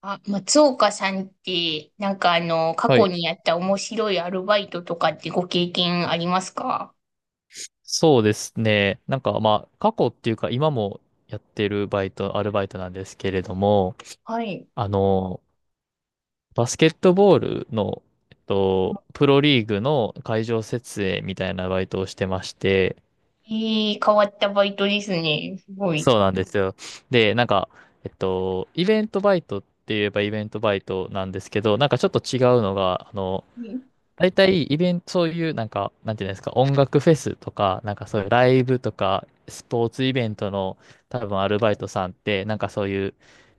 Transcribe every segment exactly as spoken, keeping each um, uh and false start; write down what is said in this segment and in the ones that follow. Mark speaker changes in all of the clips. Speaker 1: あ、松岡さんって、なんかあの、過
Speaker 2: は
Speaker 1: 去
Speaker 2: い。
Speaker 1: にやった面白いアルバイトとかってご経験ありますか？
Speaker 2: そうですね。なんかまあ、過去っていうか今もやってるバイト、アルバイトなんですけれども、
Speaker 1: はい。
Speaker 2: あの、バスケットボールの、えっと、プロリーグの会場設営みたいなバイトをしてまして、
Speaker 1: ええ、変わったバイトですね。すごい。
Speaker 2: そうなんですよ。で、なんか、えっと、イベントバイトって言えばイベントバイトなんですけど、なんかちょっと違うのが、あの、
Speaker 1: うん。
Speaker 2: 大体イベント、そういうなんか、なんていうんですか、音楽フェスとか、なんかそういうライブとか、スポーツイベントの多分アルバイトさんって、なんかそういう、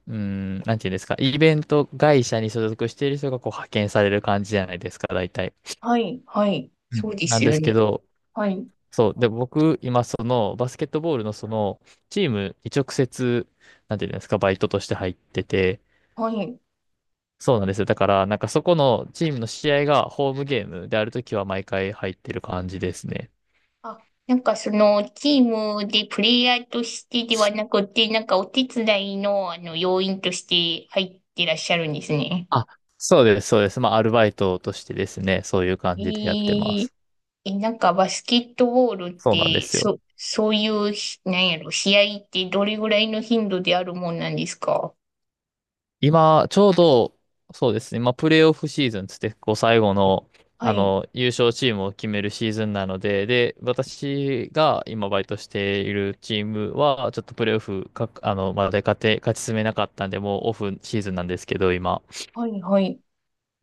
Speaker 2: うーん、なんていうんですか、イベント会社に所属している人がこう派遣される感じじゃないですか、大体。
Speaker 1: はい、はい。
Speaker 2: う
Speaker 1: そ
Speaker 2: ん
Speaker 1: うで
Speaker 2: な
Speaker 1: す
Speaker 2: んで
Speaker 1: よ
Speaker 2: す
Speaker 1: ね。
Speaker 2: けど、
Speaker 1: はい、
Speaker 2: そう。で、僕、今、その、バスケットボールの、その、チームに直接、なんていうんですか、バイトとして入ってて、
Speaker 1: はい。
Speaker 2: そうなんですよ。だから、なんかそこのチームの試合がホームゲームであるときは毎回入ってる感じですね。
Speaker 1: あ、なんかその、チームでプレイヤーとしてではなくて、なんかお手伝いの、あの、要員として入ってらっしゃるんですね。
Speaker 2: あ、そうです、そうです。まあ、アルバイトとしてですね、そういう感
Speaker 1: え
Speaker 2: じでやってま
Speaker 1: え。
Speaker 2: す。
Speaker 1: え、なんかバスケットボールっ
Speaker 2: そうなんで
Speaker 1: て、
Speaker 2: すよ。
Speaker 1: そ、そういうひ、なんやろ、試合ってどれぐらいの頻度であるもんなんですか？
Speaker 2: 今、ちょうど、そうですね、まあ、プレーオフシーズンつって、こう、最後の、
Speaker 1: は
Speaker 2: あ
Speaker 1: い、
Speaker 2: の、優勝チームを決めるシーズンなので、で、私が今バイトしているチームは、ちょっとプレーオフか、あの、まで勝て、勝ち進めなかったんで、もうオフシーズンなんですけど、今。
Speaker 1: はい、はい。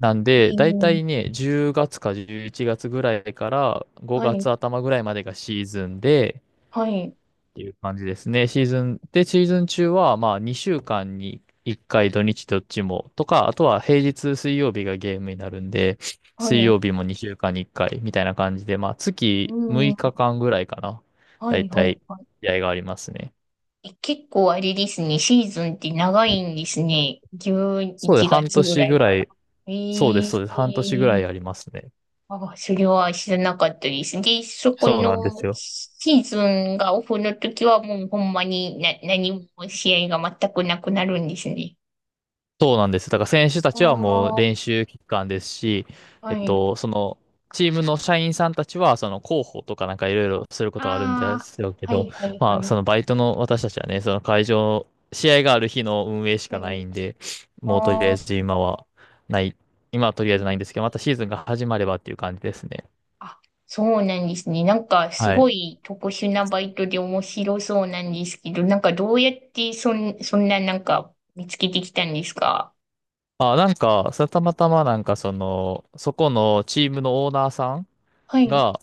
Speaker 2: なん
Speaker 1: え
Speaker 2: で、大
Speaker 1: ー、
Speaker 2: 体ね、じゅうがつかじゅういちがつぐらいから
Speaker 1: は
Speaker 2: 5
Speaker 1: い、
Speaker 2: 月頭ぐらいまでがシーズンで、
Speaker 1: はい、
Speaker 2: っていう感じですね。シーズン、で、シーズン中は、まあ、にしゅうかんにいっかい土日どっちもとか、あとは平日水曜日がゲームになるんで、
Speaker 1: は
Speaker 2: 水
Speaker 1: い。
Speaker 2: 曜日もにしゅうかんにいっかいみたいな感じで、まあ、
Speaker 1: う
Speaker 2: 月
Speaker 1: ん、
Speaker 2: 6
Speaker 1: はい、
Speaker 2: 日間ぐらいかな。
Speaker 1: は
Speaker 2: だい
Speaker 1: い、は
Speaker 2: た
Speaker 1: い。
Speaker 2: い、試合がありますね。
Speaker 1: え、結構あれですね、シーズンって長いんですね。11
Speaker 2: そうです。半
Speaker 1: 月ぐら
Speaker 2: 年
Speaker 1: い
Speaker 2: ぐ
Speaker 1: か
Speaker 2: ら
Speaker 1: ら。
Speaker 2: い、
Speaker 1: え
Speaker 2: そうです、
Speaker 1: ー、
Speaker 2: そうです。半年ぐらいありますね。
Speaker 1: あ、それは知らなかったです。で、そこ
Speaker 2: そうなんで
Speaker 1: の
Speaker 2: すよ。
Speaker 1: シーズンがオフの時はもうほんまにな何も試合が全くなくなるんですね。
Speaker 2: そうなんです。だから選手た
Speaker 1: あ
Speaker 2: ちはもう
Speaker 1: あ、
Speaker 2: 練習期間ですし、え
Speaker 1: は
Speaker 2: っ
Speaker 1: い。
Speaker 2: と、その、チームの社員さんたちは、その広報とかなんかいろいろすることがあるんで
Speaker 1: ああ、
Speaker 2: すよけ
Speaker 1: は
Speaker 2: ど、
Speaker 1: いはいは
Speaker 2: まあ、
Speaker 1: い。
Speaker 2: そのバイトの私たちはね、その会場、試合がある日の運営し
Speaker 1: は
Speaker 2: かな
Speaker 1: い。
Speaker 2: いんで、もうとりあ
Speaker 1: あ
Speaker 2: え
Speaker 1: あ、
Speaker 2: ず今はない、今はとり
Speaker 1: い
Speaker 2: あえずないん
Speaker 1: い、
Speaker 2: ですけど、またシーズンが始まればっていう感じですね。
Speaker 1: あ、そうなんですね。なんかす
Speaker 2: は
Speaker 1: ご
Speaker 2: い。
Speaker 1: い特殊なバイトで面白そうなんですけど、なんかどうやってそん、そんななんか見つけてきたんですか？
Speaker 2: あ、なんか、それたまたまなんかその、そこのチームのオーナーさん
Speaker 1: はい、
Speaker 2: が、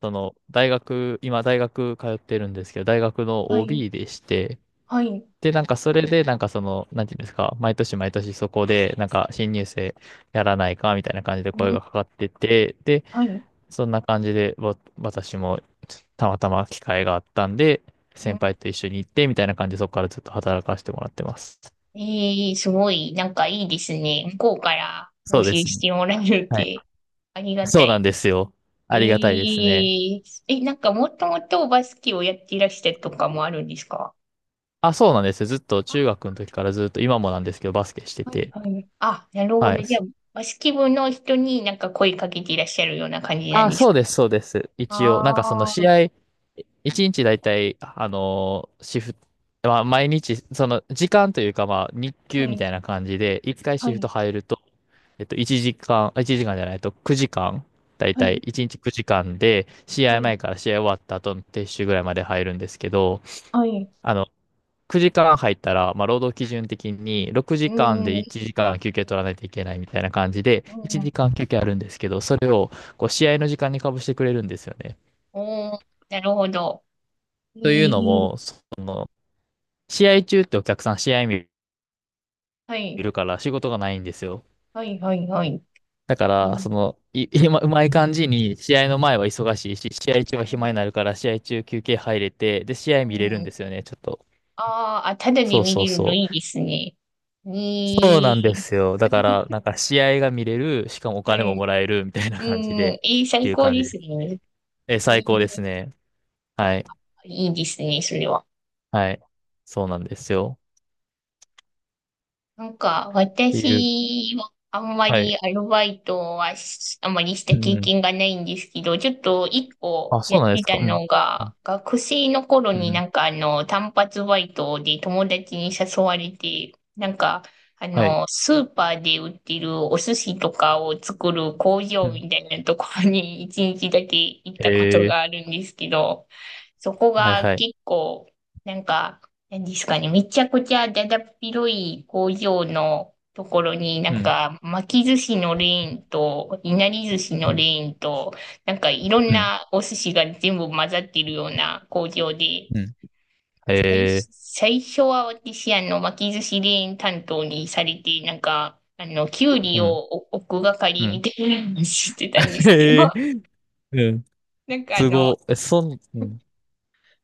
Speaker 2: その、大学、今大学通ってるんですけど、大学の
Speaker 1: はい、
Speaker 2: オービー でして、
Speaker 1: はい、
Speaker 2: で、なんかそれで、なんかその、なんていうんですか、毎年毎年そこで、なんか新入生やらないか、みたいな感じで声
Speaker 1: う
Speaker 2: が
Speaker 1: ん、
Speaker 2: かかってて、で、
Speaker 1: はい。
Speaker 2: そんな感じで、わ私もたまたま機会があったんで、
Speaker 1: う
Speaker 2: 先
Speaker 1: ん。
Speaker 2: 輩と一緒に行って、みたいな感じで、そこからずっと働かせてもらってます。
Speaker 1: ええ、すごい、なんかいいですね。向こうから募
Speaker 2: そうで
Speaker 1: 集
Speaker 2: す
Speaker 1: し
Speaker 2: ね。
Speaker 1: てもらえるっ
Speaker 2: はい。
Speaker 1: て、ありが
Speaker 2: そ
Speaker 1: た
Speaker 2: うなん
Speaker 1: い。
Speaker 2: ですよ。
Speaker 1: え
Speaker 2: ありがたいですね。
Speaker 1: え。え、なんかもともとバスケをやっていらしたとかもあるんですか？
Speaker 2: あ、そうなんですよ。ずっと
Speaker 1: あ、
Speaker 2: 中学の時からずっと、今もなんですけど、バスケして
Speaker 1: はい
Speaker 2: て。
Speaker 1: はい。あ、なるほ
Speaker 2: は
Speaker 1: ど。
Speaker 2: い。
Speaker 1: じゃあ、バスケ部の人になんか声かけていらっしゃるような感じなん
Speaker 2: あ、
Speaker 1: です
Speaker 2: そうです、そうです。
Speaker 1: か？
Speaker 2: 一応、なんかその
Speaker 1: ああ
Speaker 2: 試
Speaker 1: ー、
Speaker 2: 合、一日だいたい、あのーシフト、まあ、毎日、その時間というか、まあ、日
Speaker 1: は
Speaker 2: 給み
Speaker 1: い、
Speaker 2: たいな感じで、一回
Speaker 1: は
Speaker 2: シフ
Speaker 1: い、
Speaker 2: ト入ると、えっと、1時間、あ1時間じゃないとくじかん、だい
Speaker 1: は
Speaker 2: たい
Speaker 1: い、
Speaker 2: いちにちくじかんで、試
Speaker 1: は
Speaker 2: 合
Speaker 1: い、
Speaker 2: 前から試合終わった後の撤収ぐらいまで入るんですけど、
Speaker 1: はい。
Speaker 2: あのくじかん入ったら、まあ、労働基準的に6
Speaker 1: うー
Speaker 2: 時間で
Speaker 1: ん、う
Speaker 2: いちじかん休憩取らないといけないみたいな感じで、1
Speaker 1: ん、
Speaker 2: 時間休憩あるんですけど、それをこう試合の時間にかぶしてくれるんですよね。
Speaker 1: おー、なるほど。
Speaker 2: とい
Speaker 1: え
Speaker 2: うのも、
Speaker 1: え、
Speaker 2: その、試合中ってお客さん試合見
Speaker 1: はい、
Speaker 2: るから仕事がないんですよ。
Speaker 1: はい、はい、はい。
Speaker 2: だか
Speaker 1: ええ。
Speaker 2: ら、その、い、今、うまい感じに、試合の前は忙しいし、試合中は暇になるから、試合中休憩入れて、で、試合
Speaker 1: う
Speaker 2: 見れるん
Speaker 1: ん。
Speaker 2: ですよね、ちょっと。
Speaker 1: あー、あ、あ、ただで
Speaker 2: そう
Speaker 1: 見
Speaker 2: そう
Speaker 1: れるの
Speaker 2: そ
Speaker 1: い
Speaker 2: う。
Speaker 1: いですね。
Speaker 2: そう
Speaker 1: い
Speaker 2: なんで
Speaker 1: い。
Speaker 2: すよ。だから、なんか試合が見れる、しかもお
Speaker 1: は
Speaker 2: 金も
Speaker 1: い。
Speaker 2: もらえるみたいな
Speaker 1: う
Speaker 2: 感じで、
Speaker 1: ん、いい、
Speaker 2: って
Speaker 1: 最
Speaker 2: いう
Speaker 1: 高
Speaker 2: 感じ
Speaker 1: で
Speaker 2: で
Speaker 1: す
Speaker 2: す。
Speaker 1: ね。
Speaker 2: え、
Speaker 1: い
Speaker 2: 最高です
Speaker 1: い、
Speaker 2: ね。はい。
Speaker 1: いいですね、それは。
Speaker 2: はい。そうなんですよ。
Speaker 1: なんか、
Speaker 2: っていう。
Speaker 1: 私はあんま
Speaker 2: はい。
Speaker 1: りアルバイトはしあんまりした
Speaker 2: うん
Speaker 1: 経
Speaker 2: うん。
Speaker 1: 験がないんですけど、ちょっと一個
Speaker 2: あ、
Speaker 1: や
Speaker 2: そ
Speaker 1: っ
Speaker 2: うなんで
Speaker 1: て
Speaker 2: す
Speaker 1: た
Speaker 2: か。うん。
Speaker 1: の
Speaker 2: うん。
Speaker 1: が、学生の頃
Speaker 2: うん
Speaker 1: に
Speaker 2: うん、
Speaker 1: なんかあの、単発バイトで友達に誘われて、なんか、あ
Speaker 2: はい。
Speaker 1: の、スーパーで売ってるお寿司とかを作る工
Speaker 2: う
Speaker 1: 場
Speaker 2: ん。
Speaker 1: みたいなところに一日だけ行ったこと
Speaker 2: へえ。
Speaker 1: があるんですけど、そこ
Speaker 2: はい
Speaker 1: が
Speaker 2: はい。
Speaker 1: 結構、なんか、何ですかね、めちゃくちゃだだっ広い工場のところに、な
Speaker 2: う
Speaker 1: ん
Speaker 2: ん。
Speaker 1: か巻き寿司のレーンと、いなり寿司
Speaker 2: う
Speaker 1: のレ
Speaker 2: ん。
Speaker 1: ーンと、なんかいろん
Speaker 2: うん。
Speaker 1: なお寿司が全部混ざってるような工場で、
Speaker 2: うん。
Speaker 1: で
Speaker 2: へ
Speaker 1: 最、
Speaker 2: え。
Speaker 1: 最初は私、あの、巻き寿司レーン担当にされて、なんか、あの、きゅうり
Speaker 2: う
Speaker 1: を
Speaker 2: ん。
Speaker 1: お置く
Speaker 2: う
Speaker 1: 係み
Speaker 2: ん。
Speaker 1: たいなのをしてたんで すけど、
Speaker 2: へえ。うん。
Speaker 1: なんかあ
Speaker 2: す
Speaker 1: の、
Speaker 2: ご。え、そん、うん。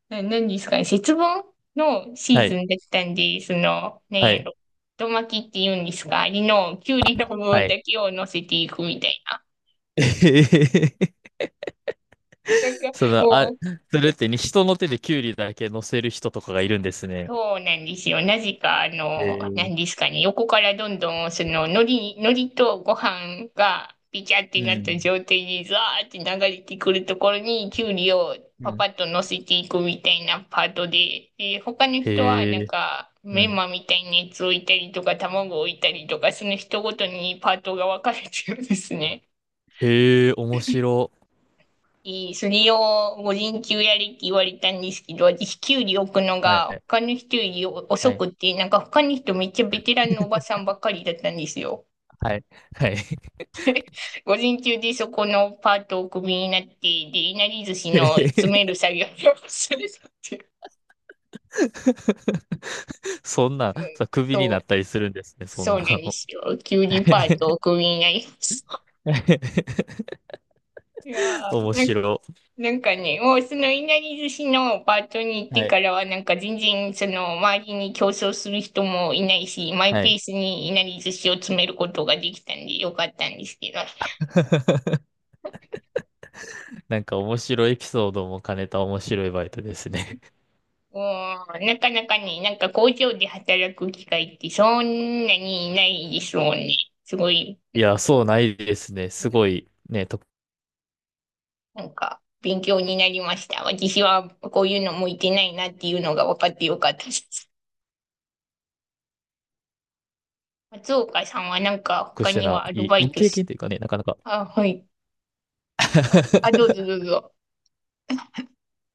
Speaker 1: な、何ですかね、節分のシー
Speaker 2: は
Speaker 1: ズ
Speaker 2: い。
Speaker 1: ンだったんで、その、
Speaker 2: は
Speaker 1: 何や
Speaker 2: い。
Speaker 1: ろ、太巻きって言うんですか、あれの、きゅうりの部
Speaker 2: は
Speaker 1: 分だ
Speaker 2: い。
Speaker 1: けを乗せていくみたいな。
Speaker 2: えへへへ、
Speaker 1: なんか、
Speaker 2: その、あ、
Speaker 1: もう
Speaker 2: それってに人の手でキュウリだけ乗せる人とかがいるんですね。
Speaker 1: そうなんですよ。なぜか、あ
Speaker 2: へ
Speaker 1: の、
Speaker 2: えー、
Speaker 1: 何ですかね、横からどんどん、その、海苔、海苔とご飯が、ピチャって
Speaker 2: う
Speaker 1: なった
Speaker 2: ん。
Speaker 1: 状態で、ザーって流れてくるところに、きゅうりを
Speaker 2: う
Speaker 1: パパ
Speaker 2: ん。
Speaker 1: ッと乗せていくみたいなパートで、で、他の人は、
Speaker 2: へ
Speaker 1: なん
Speaker 2: え、
Speaker 1: か、
Speaker 2: う
Speaker 1: メン
Speaker 2: ん。
Speaker 1: マみたいなやつを置いたりとか、卵を置いたりとか、その人ごとにパートが分かれてるんですね。
Speaker 2: へえ、面白。
Speaker 1: いい、それを午前中やれって言われたんですけど、私、キュウリ置くの
Speaker 2: は
Speaker 1: が
Speaker 2: い。
Speaker 1: 他の人より
Speaker 2: は
Speaker 1: 遅
Speaker 2: い。
Speaker 1: くて、なんか他の人めっちゃベテランのおばさんばっかりだったんですよ。
Speaker 2: はい。はい。
Speaker 1: 午前中でそこのパートをクビになって、で、いなり寿司
Speaker 2: へ
Speaker 1: の詰める
Speaker 2: へ。
Speaker 1: 作業をするたっていう。
Speaker 2: そんな、
Speaker 1: うん、
Speaker 2: さ、クビに
Speaker 1: そ
Speaker 2: なっ
Speaker 1: う、
Speaker 2: たりするんですね、そ
Speaker 1: そ
Speaker 2: ん
Speaker 1: うな
Speaker 2: な
Speaker 1: んで
Speaker 2: の。
Speaker 1: すよ。キュウリパ ートをクビになりました。いや
Speaker 2: 面
Speaker 1: ー、なん
Speaker 2: 白。
Speaker 1: なんかね、もうそのいなり寿司のパートに行って
Speaker 2: はい。
Speaker 1: からは、なんか全然その周りに競争する人もいないし、マイ
Speaker 2: は
Speaker 1: ペ
Speaker 2: い。
Speaker 1: ースにいなり寿司を詰めることができたんでよかったんですけど、
Speaker 2: なんか面白いエピソードも兼ねた面白いバイトですね。
Speaker 1: もうなかなかね、なんか工場で働く機会ってそんなにいないですもんね。すごい、
Speaker 2: いや、そうないですね。すごい、ね、特
Speaker 1: なんか勉強になりました。私はこういうの向いてないなっていうのが分かってよかったです。松岡さんはなんか
Speaker 2: 特
Speaker 1: 他
Speaker 2: 殊
Speaker 1: に
Speaker 2: な、
Speaker 1: はアル
Speaker 2: いい
Speaker 1: バイ
Speaker 2: い
Speaker 1: ト
Speaker 2: 経
Speaker 1: し、
Speaker 2: 験というかね、なかなか。
Speaker 1: あ、はい。あ、どうぞどう ぞ。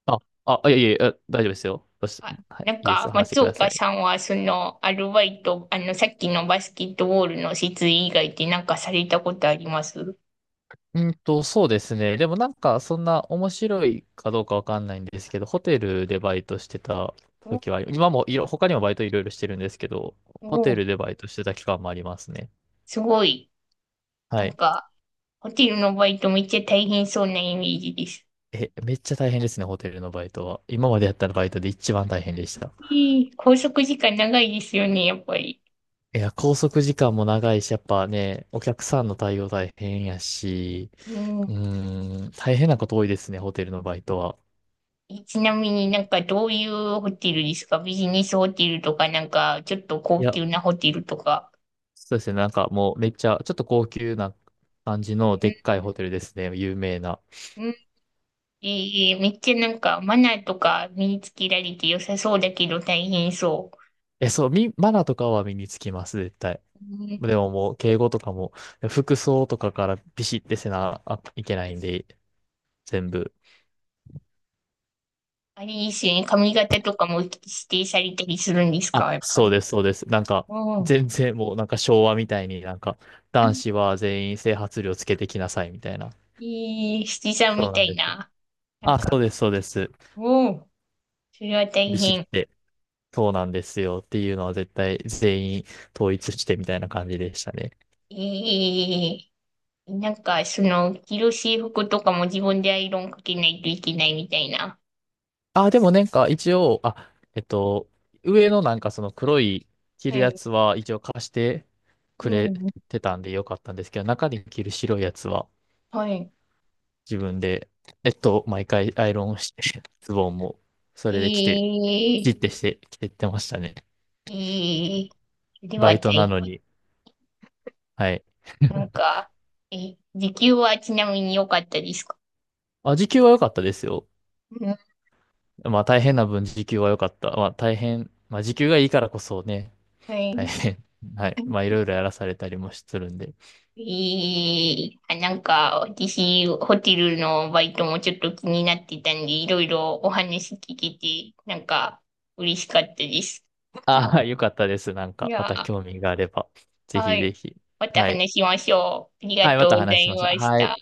Speaker 2: あ、あ、いやいやいや、大丈夫ですよ。どうし
Speaker 1: あ、
Speaker 2: はい、
Speaker 1: なん
Speaker 2: いいです
Speaker 1: か、
Speaker 2: よ。話して
Speaker 1: 松
Speaker 2: くださ
Speaker 1: 岡さ
Speaker 2: い。
Speaker 1: んは、その、アルバイト、あの、さっきのバスケットボールの設営以外でなんかされたことあります？
Speaker 2: うんと、そうですね。でもなんか、そんな面白いかどうかわかんないんですけど、ホテルでバイトしてた
Speaker 1: お、
Speaker 2: 時は、今もいろ、他にもバイトいろいろしてるんですけど、ホテ
Speaker 1: お、
Speaker 2: ルでバイトしてた期間もありますね。
Speaker 1: すごい。な
Speaker 2: は
Speaker 1: ん
Speaker 2: い。
Speaker 1: か、ホテルのバイトめっちゃ大変そうなイメージです。
Speaker 2: え、めっちゃ大変ですね、ホテルのバイトは。今までやったバイトで一番大変でした。
Speaker 1: いい、拘束時間長いですよね、やっぱり。
Speaker 2: いや、拘束時間も長いし、やっぱね、お客さんの対応大変やし、
Speaker 1: うん。
Speaker 2: うーん、大変なこと多いですね、ホテルのバイトは。
Speaker 1: え、ちなみになんか、どういうホテルですか？ビジネスホテルとか、なんか、ちょっと
Speaker 2: い
Speaker 1: 高
Speaker 2: や、
Speaker 1: 級なホテルとか。
Speaker 2: そうですね、なんかもうめっちゃ、ちょっと高級な感じのでっ
Speaker 1: う
Speaker 2: かいホテルですね、有名な。
Speaker 1: ん。ええ、めっちゃなんかマナーとか身につけられて良さそうだけど大変そ
Speaker 2: え、そう、み、マナーとかは身につきます、絶対。
Speaker 1: う。うん。
Speaker 2: でももう、敬語とかも、服装とかからビシッてせなあいけないんで、全部。
Speaker 1: あれですよね。髪型とかも指定されたりするんです
Speaker 2: あ、
Speaker 1: か、やっぱ
Speaker 2: そう
Speaker 1: り。
Speaker 2: です、そうです。なんか、
Speaker 1: うん。
Speaker 2: 全然もう、なんか昭和みたいになんか、男子は全員整髪料つけてきなさい、みたいな。
Speaker 1: ええ、七さん
Speaker 2: そ
Speaker 1: み
Speaker 2: う
Speaker 1: た
Speaker 2: なん
Speaker 1: い
Speaker 2: ですよ。
Speaker 1: な。なん
Speaker 2: あ、
Speaker 1: か、
Speaker 2: そうです、そうです。
Speaker 1: うん。それは大
Speaker 2: ビシッ
Speaker 1: 変。
Speaker 2: て。そうなんですよっていうのは絶対全員統一してみたいな感じでしたね。
Speaker 1: ええ、なんか、その、着る制服とかも自分でアイロンかけないといけないみたいな。
Speaker 2: あ、でもなんか一応、あ、えっと、上のなんかその黒い着
Speaker 1: は
Speaker 2: るや
Speaker 1: い。
Speaker 2: つは一応貸してく
Speaker 1: う
Speaker 2: れ
Speaker 1: ん。
Speaker 2: てたんでよかったんですけど、中に着る白いやつは
Speaker 1: はい。
Speaker 2: 自分で、えっと、毎回アイロンをして、ズボンもそれで着て、
Speaker 1: ええ。
Speaker 2: じってして着てってましたね。
Speaker 1: ええ、それ
Speaker 2: バ
Speaker 1: は
Speaker 2: イ
Speaker 1: 大、
Speaker 2: トなのに。はい。
Speaker 1: なん か、え、時給はちなみに良かったですか？
Speaker 2: あ、時給は良かったですよ。
Speaker 1: うん、
Speaker 2: まあ大変な分時給は良かった。まあ大変、まあ時給がいいからこそね、
Speaker 1: は
Speaker 2: 大
Speaker 1: い。
Speaker 2: 変。はい。まあ、いろいろやらされたりもするんで。
Speaker 1: えー、あ、なんか、私、ホテルのバイトもちょっと気になってたんで、いろいろお話聞けて、なんか、嬉しかったです。
Speaker 2: ああ、よかったです。なん
Speaker 1: い
Speaker 2: か、ま
Speaker 1: や
Speaker 2: た
Speaker 1: ー、
Speaker 2: 興味があれば、ぜ
Speaker 1: は
Speaker 2: ひぜ
Speaker 1: い。
Speaker 2: ひ。
Speaker 1: また
Speaker 2: はい。
Speaker 1: 話しましょう。ありが
Speaker 2: はい、ま
Speaker 1: と
Speaker 2: た
Speaker 1: うござ
Speaker 2: 話し
Speaker 1: い
Speaker 2: ましょ
Speaker 1: ま
Speaker 2: う。
Speaker 1: し
Speaker 2: はい。
Speaker 1: た。